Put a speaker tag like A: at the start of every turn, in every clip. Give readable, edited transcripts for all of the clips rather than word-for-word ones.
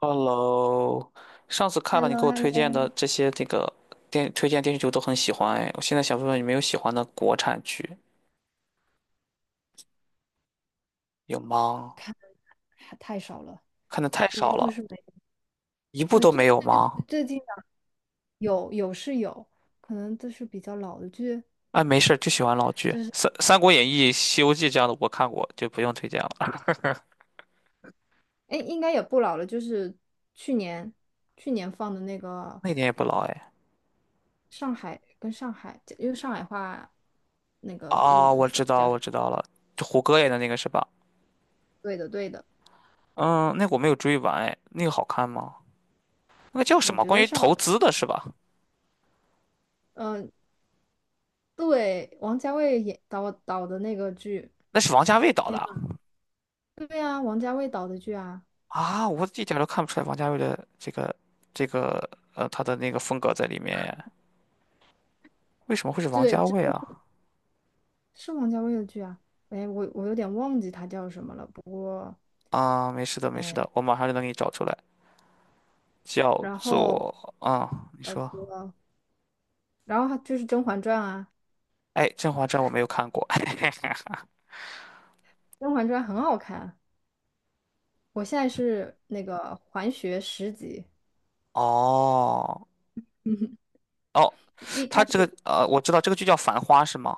A: Hello，上次
B: h
A: 看
B: e l
A: 了
B: l
A: 你
B: o
A: 给
B: h
A: 我
B: e l l
A: 推荐
B: o
A: 的这些这个电推荐电视剧，我都很喜欢哎。我现在想问问你，没有喜欢的国产剧有吗？
B: 太少了，
A: 看的太
B: 几
A: 少
B: 乎是
A: 了，
B: 没。
A: 一部
B: 对，
A: 都没
B: 最
A: 有
B: 最
A: 吗？
B: 最近的有是有，可能这是比较老的剧，
A: 哎，没事儿，就喜欢老剧，
B: 就是
A: 《三国演义》《西游记》这样的我看过，就不用推荐了。
B: 哎，应该也不老了，就是去年去年放的那个
A: 那点也不老哎。
B: 上海，因为上海话那个录
A: 啊，
B: 的
A: 我
B: 那
A: 知
B: 个
A: 道，
B: 叫啥？
A: 我知道了，就胡歌演的那个是吧？
B: 对的，对的，
A: 嗯，那个我没有追完哎，那个好看吗？那个叫什
B: 我
A: 么？
B: 觉
A: 关
B: 得
A: 于
B: 是好
A: 投
B: 看。
A: 资的是吧？
B: 嗯、对，王家卫导的那个剧，
A: 那是王家卫导
B: 天
A: 的。
B: 呐，对啊，王家卫导的剧啊，
A: 啊，我一点儿都看不出来王家卫的这个他的那个风格在里面耶，为什么会是王
B: 对，
A: 家
B: 这
A: 卫啊？
B: 是王家卫的剧啊，哎，我有点忘记他叫什么了。不过，
A: 啊，没事的，没事的，我马上就能给你找出来，叫
B: 然后
A: 做啊、你
B: 搞
A: 说，
B: 错了，然后还就是《甄嬛传》啊，
A: 哎，《甄嬛传》我没有看过，
B: 《甄嬛传》很好看。我现在是那个环学十级。
A: 哦 哦，
B: 一
A: 他
B: 开
A: 这个，
B: 始
A: 我知道这个剧叫《繁花》是吗？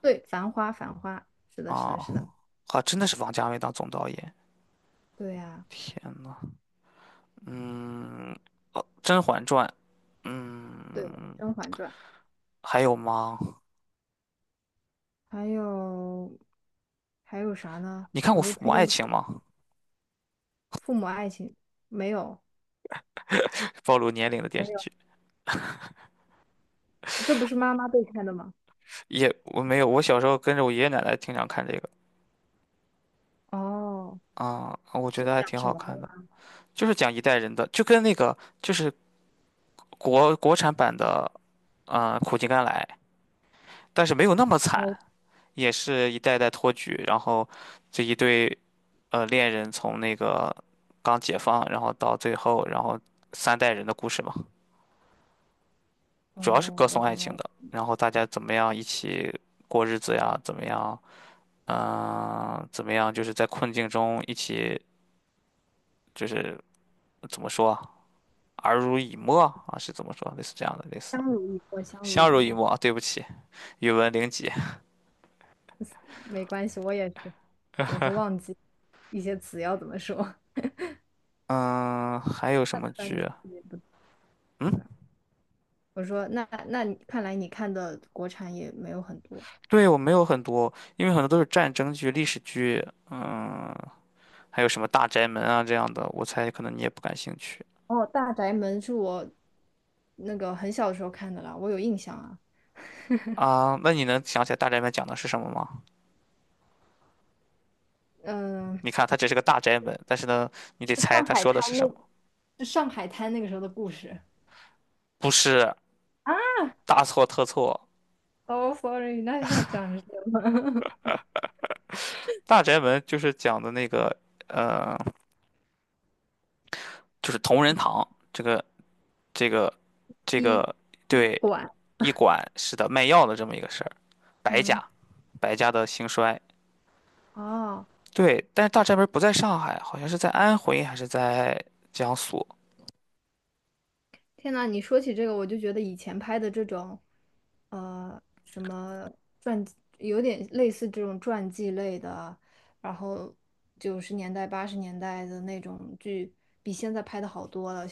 B: 对《繁花》，《繁花》是的，是的，
A: 啊
B: 是的，
A: 啊，真的是王家卫当总导演，
B: 对呀、
A: 天呐，嗯，《甄嬛传》，
B: 对，
A: 嗯，
B: 《甄嬛传》，
A: 还有吗？
B: 还有啥呢？
A: 你看过
B: 我都
A: 《父母
B: 推荐
A: 爱
B: 不
A: 情》
B: 出来。
A: 吗？
B: 父母爱情，没有，
A: 暴露年龄的电
B: 没
A: 视
B: 有，
A: 剧，
B: 这不是妈妈被看的吗？
A: 也我没有，我小时候跟着我爷爷奶奶经常看这个
B: 哦，
A: 啊，我觉
B: 是
A: 得还
B: 讲
A: 挺
B: 什
A: 好
B: 么的
A: 看的，
B: 呀？
A: 就是讲一代人的，就跟那个就是国产版的，啊苦尽甘来，但是没有那么惨，
B: 哦
A: 也是一代代托举，然后这一对恋人从那个刚解放，然后到最后，然后三代人的故事嘛，
B: 哦，
A: 主要是歌
B: 我
A: 颂爱
B: 懂
A: 情
B: 了。
A: 的，然后大家怎么样一起过日子呀，怎么样。嗯、怎么样？就是在困境中一起，就是怎么说啊，耳濡以沫啊，是怎么说？类似这样的，类似
B: 相濡以沫，相濡
A: 相
B: 以
A: 濡以
B: 沫。
A: 沫啊。对不起，语文零级。
B: 没关系，我也是，总是忘记一些词要怎么说。
A: 嗯、还有什
B: 那
A: 么
B: 看来你
A: 剧？
B: 看也不对
A: 嗯，
B: 吧？我说那你看来你看的国产也没有很多。
A: 对，我没有很多，因为很多都是战争剧、历史剧，嗯，还有什么《大宅门》啊这样的，我猜可能你也不感兴趣
B: 哦，《大宅门》是我那个很小的时候看的啦，我有印象啊。
A: 啊。那你能想起来《大宅门》讲的是什么吗？
B: 嗯，
A: 你看，它只是个大宅门，但是呢，你得
B: 是
A: 猜
B: 上
A: 它
B: 海
A: 说的
B: 滩
A: 是什么，
B: 那，是上海滩那个时候的故事。
A: 不是大错特错。
B: 哦，sorry，那是他讲的是
A: 大宅门就是讲的那个，呃，就是同仁堂这个这
B: 一
A: 个
B: 一
A: 对
B: 馆，
A: 医馆是的卖药的这么一个事儿，白
B: 嗯，
A: 家白家的兴衰。
B: 哦。
A: 对，但是大宅门不在上海，好像是在安徽还是在江苏。
B: 天呐，你说起这个，我就觉得以前拍的这种，呃，什么传，有点类似这种传记类的，然后90年代、80年代的那种剧，比现在拍的好多了。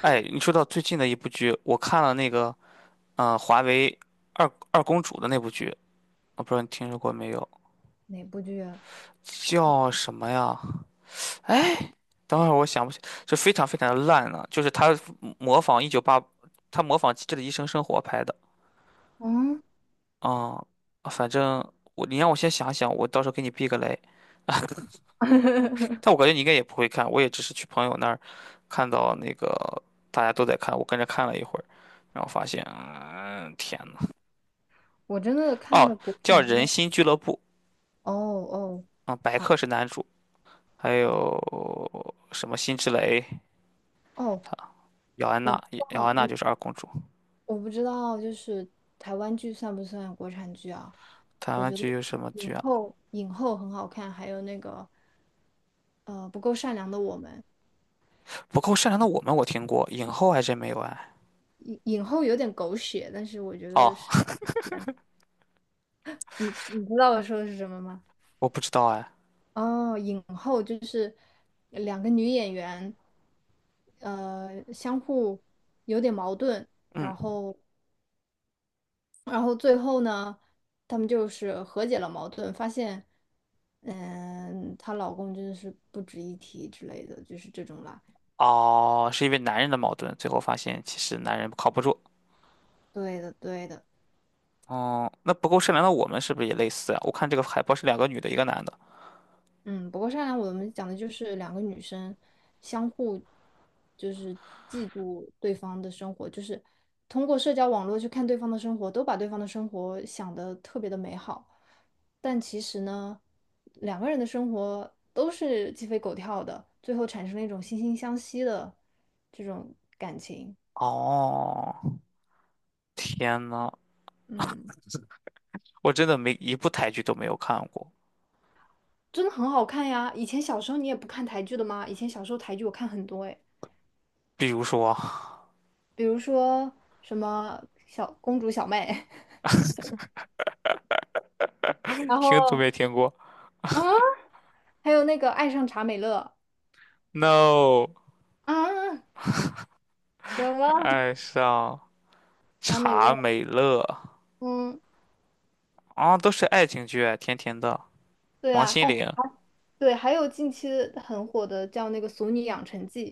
A: 哎，你说到最近的一部剧，我看了那个，嗯，华为二公主的那部剧，我不知道你听说过没有，
B: 哪部剧啊？
A: 叫什么呀？哎，等会儿我想不起，这非常非常的烂了、就是模仿一九八，他模仿《机智的医生生活》拍的。
B: 嗯，
A: 啊，反正你让我先想想，我到时候给你避个雷。但我感觉你应该也不会看，我也只是去朋友那儿看到那个大家都在看，我跟着看了一会儿，然后发现，嗯，天呐，
B: 我真的看的
A: 哦，
B: 国
A: 叫
B: 产剧
A: 《人
B: 啊。
A: 心俱乐部》
B: 哦哦
A: 啊、白客是男主，还有什么辛芷蕾、
B: 哦，
A: 姚安
B: 我不
A: 娜，
B: 知
A: 姚
B: 道，
A: 安娜就是二公主。
B: 我不知道，就是台湾剧算不算国产剧啊？
A: 台
B: 我
A: 湾
B: 觉得
A: 剧有什么剧？
B: 影
A: 啊？
B: 后影后很好看，还有那个不够善良的我们，
A: 不够善良的我们我听过，影后还真没有哎。
B: 影后有点狗血，但是我觉
A: 哦，
B: 得是你知道我说的是什么吗？
A: 我不知道哎。
B: 哦，影后就是两个女演员，呃，相互有点矛盾，
A: 嗯，
B: 然后最后呢，他们就是和解了矛盾，发现，嗯，她老公真的是不值一提之类的，就是这种啦。
A: 哦，是因为男人的矛盾，最后发现其实男人靠不住。
B: 对的，对的。
A: 哦，那不够善良的我们是不是也类似啊？我看这个海报是两个女的，一个男的。
B: 嗯，不过善良》我们讲的就是两个女生相互就是嫉妒对方的生活，就是通过社交网络去看对方的生活，都把对方的生活想得特别的美好，但其实呢，两个人的生活都是鸡飞狗跳的，最后产生了一种惺惺相惜的这种感情。
A: 哦，天呐，
B: 嗯，
A: 我真的没一部台剧都没有看过，
B: 真的很好看呀！以前小时候你也不看台剧的吗？以前小时候台剧我看很多诶，
A: 比如说
B: 比如说什么小公主小妹。然
A: 听都没
B: 后
A: 听过
B: 啊，还有那个爱上查美乐
A: ，No，
B: 啊，什么
A: 爱上
B: 查美
A: 查
B: 乐？
A: 美乐
B: 嗯，
A: 啊，都是爱情剧啊，甜甜的，
B: 对
A: 王
B: 啊，
A: 心
B: 哦，
A: 凌。
B: 还对，还有近期很火的叫那个《俗女养成记》，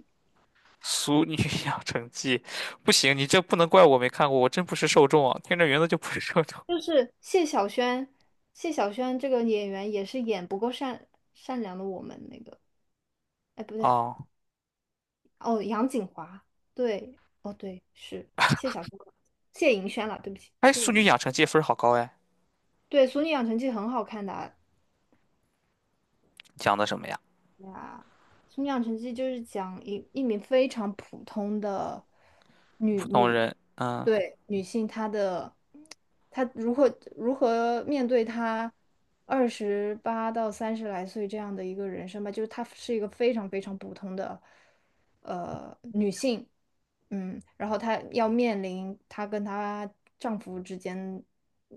A: 俗女养成记，不行，你这不能怪我没看过，我真不是受众啊，听着名字就不是受众。
B: 就是谢小轩，谢小轩这个演员也是演不够善良的我们那个，哎，不对，
A: 哦，
B: 哦，杨谨华，对，哦对，是谢小轩，谢盈轩了，对不起，
A: 哎，
B: 谢
A: 《俗女
B: 盈
A: 养
B: 轩，
A: 成记》分儿好高哎，
B: 对，《俗女养成记》很好看的啊
A: 讲的什么呀？
B: 呀，《速女养成绩就是讲一名非常普通的女
A: 普通
B: 女，
A: 人，嗯，
B: 对女性，她如何面对她28到30来岁这样的一个人生吧，就是她是一个非常非常普通的呃女性，嗯，然后她要面临她跟她丈夫之间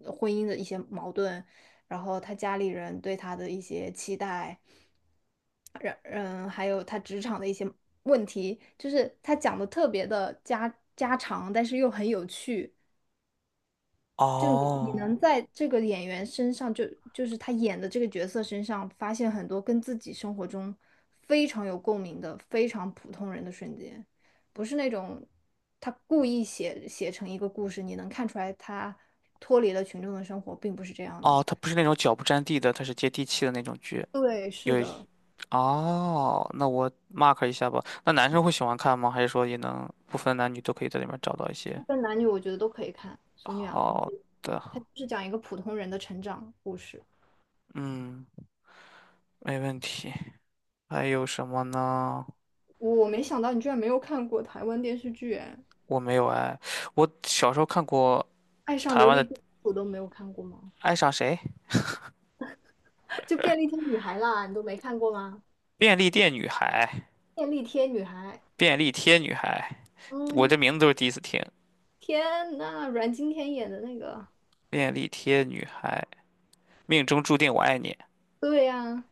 B: 婚姻的一些矛盾，然后他家里人对他的一些期待，还有他职场的一些问题，就是他讲的特别的家家常，但是又很有趣。就你
A: 哦，
B: 能在这个演员身上就，就是他演的这个角色身上，发现很多跟自己生活中非常有共鸣的、非常普通人的瞬间，不是那种他故意写成一个故事，你能看出来他脱离了群众的生活，并不是这样的。
A: 哦，它不是那种脚不沾地的，它是接地气的那种剧。
B: 对，是
A: 有一，
B: 的。
A: 哦，那我 mark 一下吧。那男生会喜欢看吗？还是说也能不分男女都可以在里面找到一
B: 不
A: 些
B: 分男女，我觉得都可以看《俗女养成
A: 好
B: 记》，它
A: 的？
B: 就是讲一个普通人的成长故事。
A: 嗯，没问题。还有什么呢？
B: 我没想到你居然没有看过台湾电视剧，哎，
A: 我没有哎，我小时候看过。
B: 《爱上
A: 台
B: 琉
A: 湾
B: 璃
A: 的
B: 金我都没有看过吗？
A: 爱上谁？
B: 就《便利贴女孩》啦，你都没看过吗？
A: 便利店女孩，
B: 《便利贴女孩》，
A: 便利贴女孩，我
B: 嗯，
A: 这名字都是第一次听。
B: 天呐，阮经天演的那个，
A: 便利贴女孩，命中注定我爱你。
B: 对呀、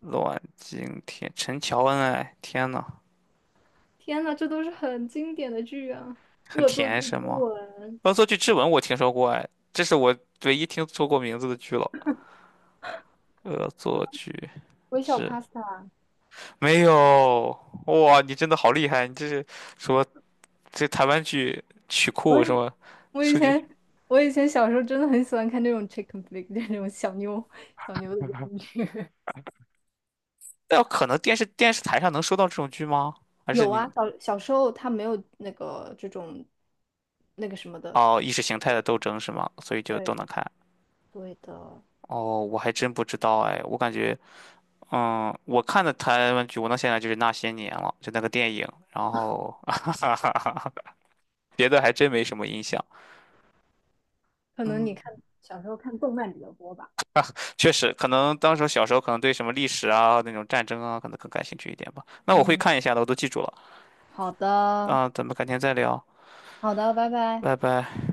A: 阮经天，陈乔恩，哎，天呐，
B: 天呐，这都是很经典的剧啊，
A: 很
B: 《恶作剧
A: 甜是
B: 之
A: 吗？
B: 吻》，
A: 恶作剧之吻我听说过，哎，这是我唯一听说过名字的剧了。恶作剧
B: 《微笑
A: 之
B: Pasta》。
A: 没有，哇，你真的好厉害！你这是说这台湾剧曲库什么
B: 我以
A: 数据？
B: 前我以前小时候真的很喜欢看这种 chicken flick，就是那种小妞的电视剧。
A: 那有可能电视台上能收到这种剧吗？还是
B: 有啊，
A: 你
B: 小小时候他没有那个这种那个什么的。
A: 哦，意识形态的斗争是吗？所以就都
B: 对，
A: 能看。
B: 对的，
A: 哦，我还真不知道哎，我感觉，嗯，我看的台湾剧，我能想起来就是那些年了，就那个电影，然后，别的还真没什么印象。
B: 可能你
A: 嗯，
B: 看小时候看动漫比较多吧。
A: 确实，可能当时小时候可能对什么历史啊、那种战争啊，可能更感兴趣一点吧。那我会
B: 嗯，
A: 看一下的，我都记住了。
B: 好的，
A: 啊，咱们改天再聊，
B: 好的，拜拜。
A: 拜拜。